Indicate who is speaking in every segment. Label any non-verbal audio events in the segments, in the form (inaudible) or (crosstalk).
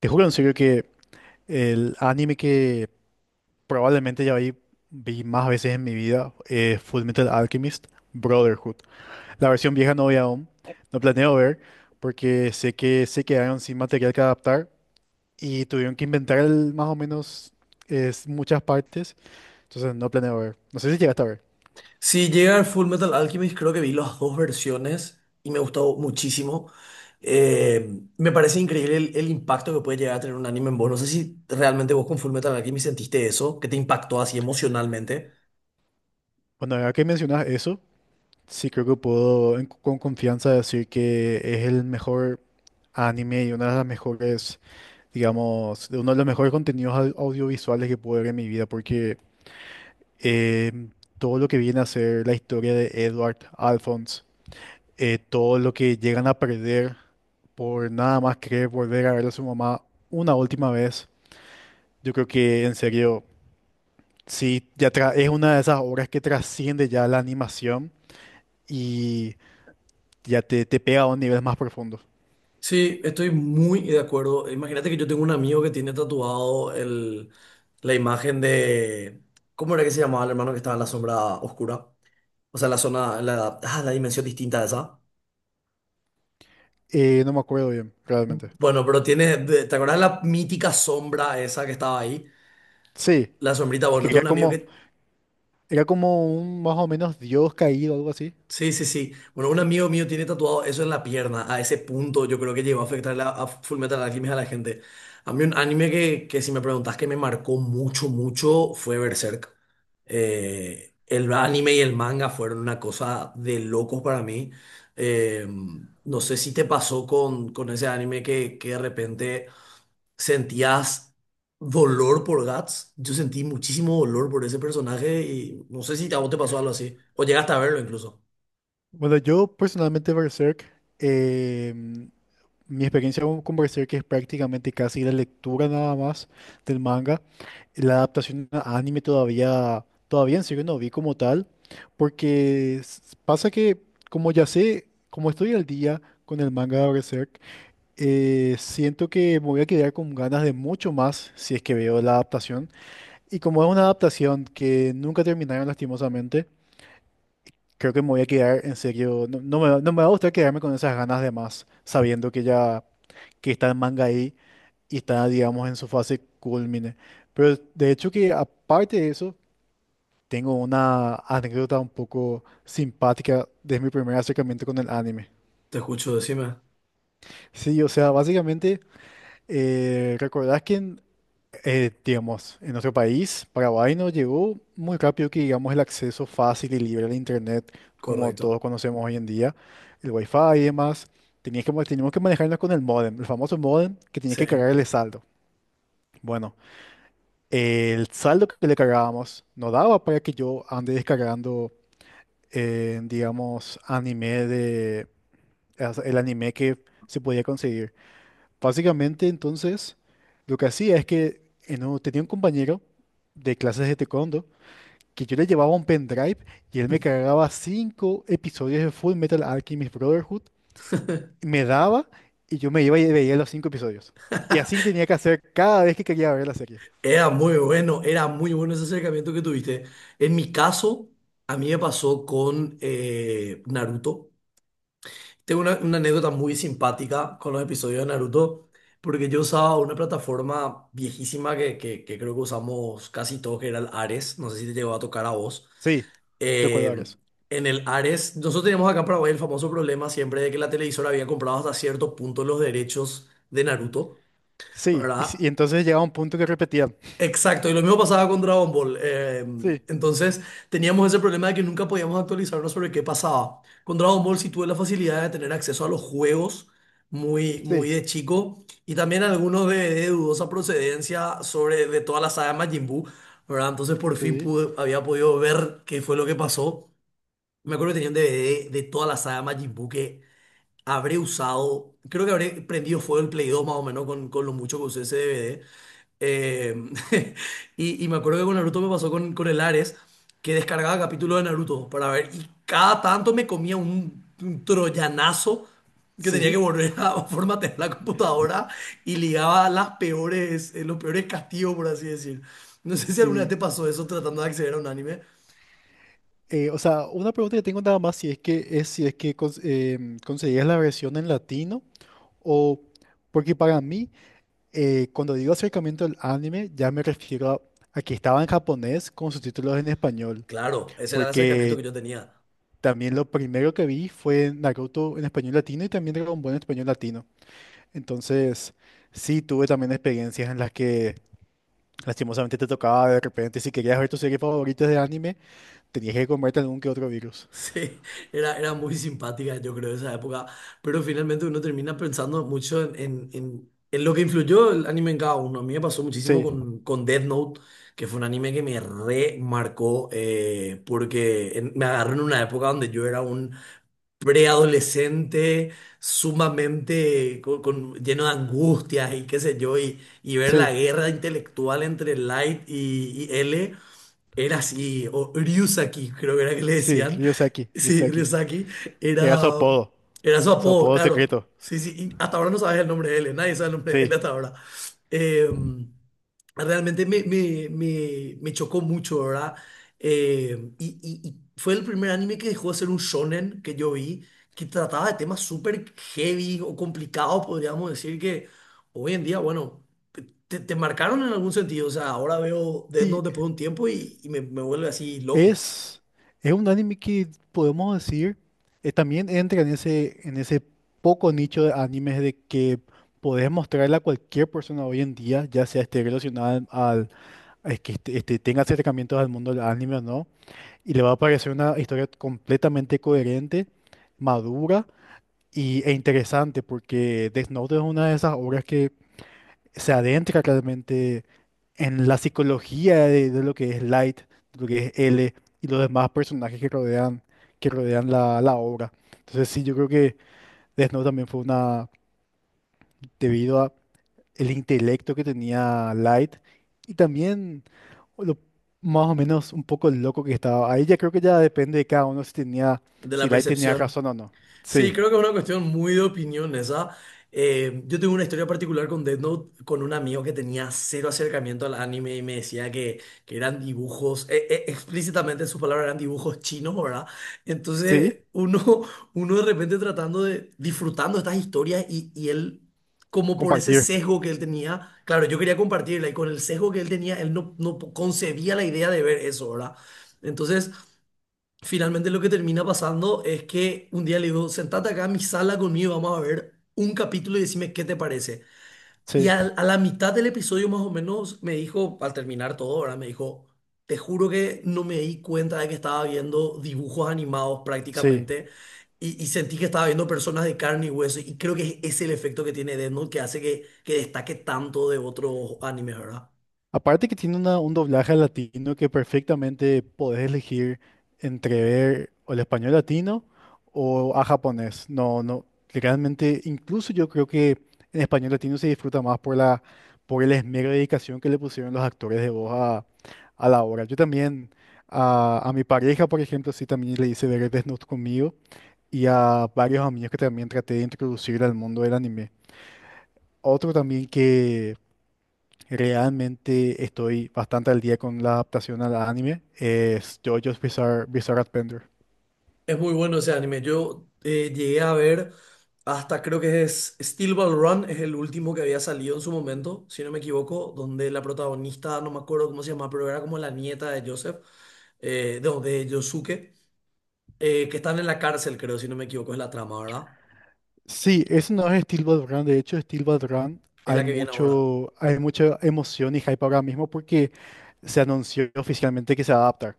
Speaker 1: Te juro en serio que el anime que probablemente ya vi más veces en mi vida es Fullmetal Alchemist Brotherhood. La versión vieja no vi aún, no planeo ver porque sé que se quedaron sin material que adaptar y tuvieron que inventar más o menos es, muchas partes, entonces no planeo ver. No sé si llegaste a ver.
Speaker 2: Si llega el Full Metal Alchemist, creo que vi las dos versiones y me gustó muchísimo. Me parece increíble el impacto que puede llegar a tener un anime en vos. No sé si realmente vos con Full Metal Alchemist sentiste eso, que te impactó así emocionalmente.
Speaker 1: Bueno, ahora que mencionas eso, sí creo que puedo con confianza decir que es el mejor anime y una de las mejores, digamos, de uno de los mejores contenidos audiovisuales que pude ver en mi vida, porque em, todo lo que viene a ser la historia de Edward Alphonse, todo lo que llegan a perder por nada más querer volver a ver a su mamá una última vez. Yo creo que, en serio, sí, es una de esas obras que trasciende ya la animación y ya te pega a un nivel más profundo.
Speaker 2: Sí, estoy muy de acuerdo. Imagínate que yo tengo un amigo que tiene tatuado el, la imagen de... ¿Cómo era que se llamaba el hermano que estaba en la sombra oscura? O sea, la zona, la, ah, la dimensión distinta de esa.
Speaker 1: No me acuerdo bien, realmente.
Speaker 2: Bueno, pero tiene, ¿te acuerdas de la mítica sombra esa que estaba ahí?
Speaker 1: Sí,
Speaker 2: La sombrita,
Speaker 1: es que
Speaker 2: bueno, tengo
Speaker 1: era
Speaker 2: un amigo
Speaker 1: como,
Speaker 2: que...
Speaker 1: era como un más o menos dios caído, algo así.
Speaker 2: Sí, sí, sí. Bueno, un amigo mío tiene tatuado eso en la pierna. A ese punto yo creo que llegó a afectar a Fullmetal Alchemist a la gente. A mí un anime que si me preguntas que me marcó mucho, mucho fue Berserk. El anime y el manga fueron una cosa de locos para mí. Eh, no sé si te pasó con ese anime que de repente ¿sentías dolor por Guts? Yo sentí muchísimo dolor por ese personaje y no sé si a vos te pasó algo así. O llegaste a verlo incluso.
Speaker 1: Bueno, yo personalmente Berserk, eh, mi experiencia con Berserk es prácticamente casi la lectura nada más del manga. La adaptación a anime todavía en serio no vi como tal, porque pasa que, como ya sé, como estoy al día con el manga de Berserk, siento que me voy a quedar con ganas de mucho más si es que veo la adaptación. Y como es una adaptación que nunca terminaron, lastimosamente, creo que me voy a quedar, en serio, no, no me va a gustar quedarme con esas ganas de más, sabiendo que ya, que está el manga ahí y está, digamos, en su fase culmine. Pero, de hecho, que aparte de eso, tengo una anécdota un poco simpática de mi primer acercamiento con el anime.
Speaker 2: Te escucho, decime.
Speaker 1: Sí, o sea, básicamente, ¿recordás que en digamos, en nuestro país, Paraguay, nos llegó muy rápido, que digamos, el acceso fácil y libre al internet, como
Speaker 2: Correcto.
Speaker 1: todos conocemos hoy en día, el wifi y demás? Teníamos que manejarnos con el modem, el famoso modem que tenía
Speaker 2: Sí.
Speaker 1: que cargar el saldo. Bueno, el saldo que le cargábamos no daba para que yo ande descargando, digamos, el anime que se podía conseguir. Básicamente, entonces, lo que hacía es que, tenía un compañero de clases de taekwondo que yo le llevaba un pendrive y él me cargaba cinco episodios de Full Metal Alchemist Brotherhood, me daba y yo me iba y veía los cinco episodios. Y así tenía que hacer cada vez que quería ver la serie.
Speaker 2: Era muy bueno ese acercamiento que tuviste. En mi caso, a mí me pasó con Naruto. Tengo una anécdota muy simpática con los episodios de Naruto, porque yo usaba una plataforma viejísima que creo que usamos casi todos, que era el Ares. No sé si te llegó a tocar a vos.
Speaker 1: Sí, recuerdo ahora
Speaker 2: Eh,
Speaker 1: eso.
Speaker 2: en el Ares, nosotros teníamos acá en Paraguay el famoso problema siempre de que la televisora había comprado hasta cierto punto los derechos de Naruto,
Speaker 1: Sí, y
Speaker 2: ¿verdad?
Speaker 1: entonces llegaba un punto que repetía.
Speaker 2: Exacto, y lo mismo pasaba con Dragon Ball.
Speaker 1: Sí,
Speaker 2: Entonces teníamos ese problema de que nunca podíamos actualizarnos sobre qué pasaba. Con Dragon Ball sí tuve la facilidad de tener acceso a los juegos muy, muy
Speaker 1: sí,
Speaker 2: de chico y también algunos de dudosa procedencia sobre de toda la saga Majin Buu, ¿verdad? Entonces por fin
Speaker 1: sí,
Speaker 2: pude, había podido ver qué fue lo que pasó. Me acuerdo que tenía un DVD de toda la saga Majin Buu que habré usado. Creo que habré prendido fuego el Play 2 más o menos con lo mucho que usé ese DVD. Eh, (laughs) y me acuerdo que con Naruto me pasó con el Ares, que descargaba capítulos de Naruto para ver. Y cada tanto me comía un troyanazo que tenía que
Speaker 1: sí,
Speaker 2: volver a (laughs) formatear la computadora y ligaba las peores, los peores castigos, por así decir. No sé si alguna vez
Speaker 1: sí.
Speaker 2: te pasó eso tratando de acceder a un anime.
Speaker 1: O sea, una pregunta que tengo nada más, si es que es, si es que cons- em, conseguías la versión en latino, o porque, para mí, cuando digo acercamiento al anime, ya me refiero a que estaba en japonés con subtítulos en español,
Speaker 2: Claro, ese era el acercamiento
Speaker 1: porque
Speaker 2: que yo tenía.
Speaker 1: también lo primero que vi fue Naruto en español latino y también Dragon Ball en español latino. Entonces sí tuve también experiencias en las que, lastimosamente, te tocaba de repente, si querías ver tu serie favorita de anime, tenías que comerte algún que otro virus.
Speaker 2: Sí, era, era muy simpática, yo creo, esa época. Pero finalmente uno termina pensando mucho en, en lo que influyó el anime en cada uno. A mí me pasó muchísimo
Speaker 1: Sí,
Speaker 2: con Death Note, que fue un anime que me remarcó, porque me agarró en una época donde yo era un preadolescente sumamente lleno de angustias y qué sé yo, y ver la
Speaker 1: sí.
Speaker 2: guerra intelectual entre Light y L. Era así, o Ryusaki, creo que era que le
Speaker 1: Sí,
Speaker 2: decían.
Speaker 1: Ryuseki,
Speaker 2: Sí,
Speaker 1: Ryuseki.
Speaker 2: Ryusaki.
Speaker 1: Era
Speaker 2: Era, era su
Speaker 1: su
Speaker 2: apodo,
Speaker 1: apodo
Speaker 2: claro.
Speaker 1: secreto.
Speaker 2: Sí, sí, y hasta ahora no sabes el nombre de él, nadie sabe el nombre de él
Speaker 1: Sí.
Speaker 2: hasta ahora. Eh, Realmente me, me chocó mucho, ¿verdad? Y, y fue el primer anime que dejó de ser un shonen que yo vi, que trataba de temas súper heavy o complicados, podríamos decir, que hoy en día, bueno, te marcaron en algún sentido. O sea, ahora veo Death
Speaker 1: Sí,
Speaker 2: Note después de un tiempo y me vuelve así loco
Speaker 1: es, es un anime que podemos decir, también entra en ese, poco nicho de animes de que podés mostrarle a cualquier persona hoy en día, ya sea, esté relacionada al que tenga acercamientos al mundo del anime o no, y le va a parecer una historia completamente coherente, madura e interesante, porque Death Note es una de esas obras que se adentra claramente en la psicología de, lo que es Light, de lo que es L y los demás personajes que rodean la obra. Entonces sí, yo creo que Death Note también fue una, debido a el intelecto que tenía Light y también lo más o menos un poco loco que estaba. Ahí ya creo que ya depende de cada uno
Speaker 2: de
Speaker 1: si
Speaker 2: la
Speaker 1: Light tenía razón
Speaker 2: percepción.
Speaker 1: o no. Sí,
Speaker 2: Sí, creo que es una cuestión muy de opinión esa. Yo tengo una historia particular con Death Note, con un amigo que tenía cero acercamiento al anime y me decía que eran dibujos, explícitamente en sus palabras eran dibujos chinos, ¿verdad?
Speaker 1: sí,
Speaker 2: Entonces uno, (laughs) uno de repente tratando de, disfrutando estas historias y él, como por ese
Speaker 1: compartir.
Speaker 2: sesgo que él tenía, claro, yo quería compartirla y con el sesgo que él tenía, él no, no concebía la idea de ver eso, ¿verdad? Entonces... Finalmente lo que termina pasando es que un día le digo, sentate acá en mi sala conmigo, vamos a ver un capítulo y decime qué te parece. Y
Speaker 1: Sí,
Speaker 2: a, la mitad del episodio más o menos me dijo, al terminar todo, ahora me dijo, te juro que no me di cuenta de que estaba viendo dibujos animados
Speaker 1: sí.
Speaker 2: prácticamente y sentí que estaba viendo personas de carne y hueso y creo que es el efecto que tiene Death Note que hace que destaque tanto de otros animes, ¿verdad?
Speaker 1: Aparte que tiene un doblaje al latino que perfectamente podés elegir entre ver o el español latino o a japonés. No, no, realmente, incluso yo creo que, en español latino, se disfruta más por el esmero de dedicación que le pusieron los actores de voz a la obra. Yo también, a mi pareja, por ejemplo, sí también le hice ver Death conmigo, y a varios amigos que también traté de introducir al mundo del anime. Otro también que realmente estoy bastante al día con la adaptación al anime es JoJo's Bizarre Adventure.
Speaker 2: Es muy bueno ese anime. Yo llegué a ver hasta creo que es Steel Ball Run, es el último que había salido en su momento, si no me equivoco, donde la protagonista, no me acuerdo cómo se llama, pero era como la nieta de Joseph, no, de Yosuke, que están en la cárcel, creo, si no me equivoco, es la trama, ¿verdad?
Speaker 1: Sí, ese no es Steel Ball Run. De hecho, Steel Ball Run,
Speaker 2: Es
Speaker 1: hay
Speaker 2: la que viene ahora.
Speaker 1: mucho, hay mucha emoción y hype ahora mismo porque se anunció oficialmente que se va a adaptar.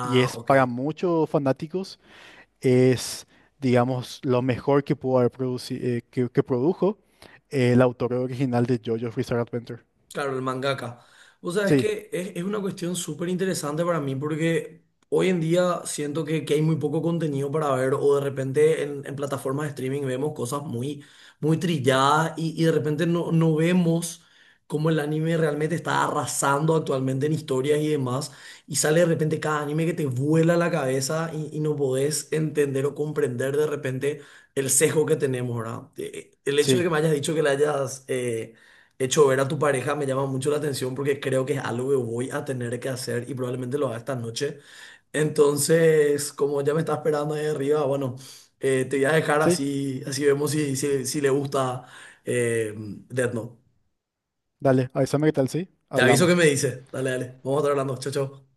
Speaker 1: Y es
Speaker 2: ok.
Speaker 1: para muchos fanáticos, es, digamos, lo mejor que pudo haber que produjo el autor original de JoJo's Bizarre Adventure.
Speaker 2: Claro, el mangaka. O sea, es
Speaker 1: Sí,
Speaker 2: que es una cuestión súper interesante para mí porque hoy en día siento que hay muy poco contenido para ver o de repente en plataformas de streaming vemos cosas muy, muy trilladas y de repente no, no vemos cómo el anime realmente está arrasando actualmente en historias y demás y sale de repente cada anime que te vuela la cabeza y no podés entender o comprender de repente el sesgo que tenemos, ¿verdad? El hecho de
Speaker 1: sí,
Speaker 2: que me hayas dicho que le hayas... hecho ver a tu pareja me llama mucho la atención porque creo que es algo que voy a tener que hacer y probablemente lo haga esta noche. Entonces, como ya me está esperando ahí arriba, bueno, te voy a dejar
Speaker 1: sí.
Speaker 2: así, así vemos si, si, si le gusta Death Note.
Speaker 1: Dale, avísame qué tal, sí.
Speaker 2: Te aviso que
Speaker 1: Hablamos.
Speaker 2: me dice. Dale, dale. Vamos a estar hablando. Chao, chao.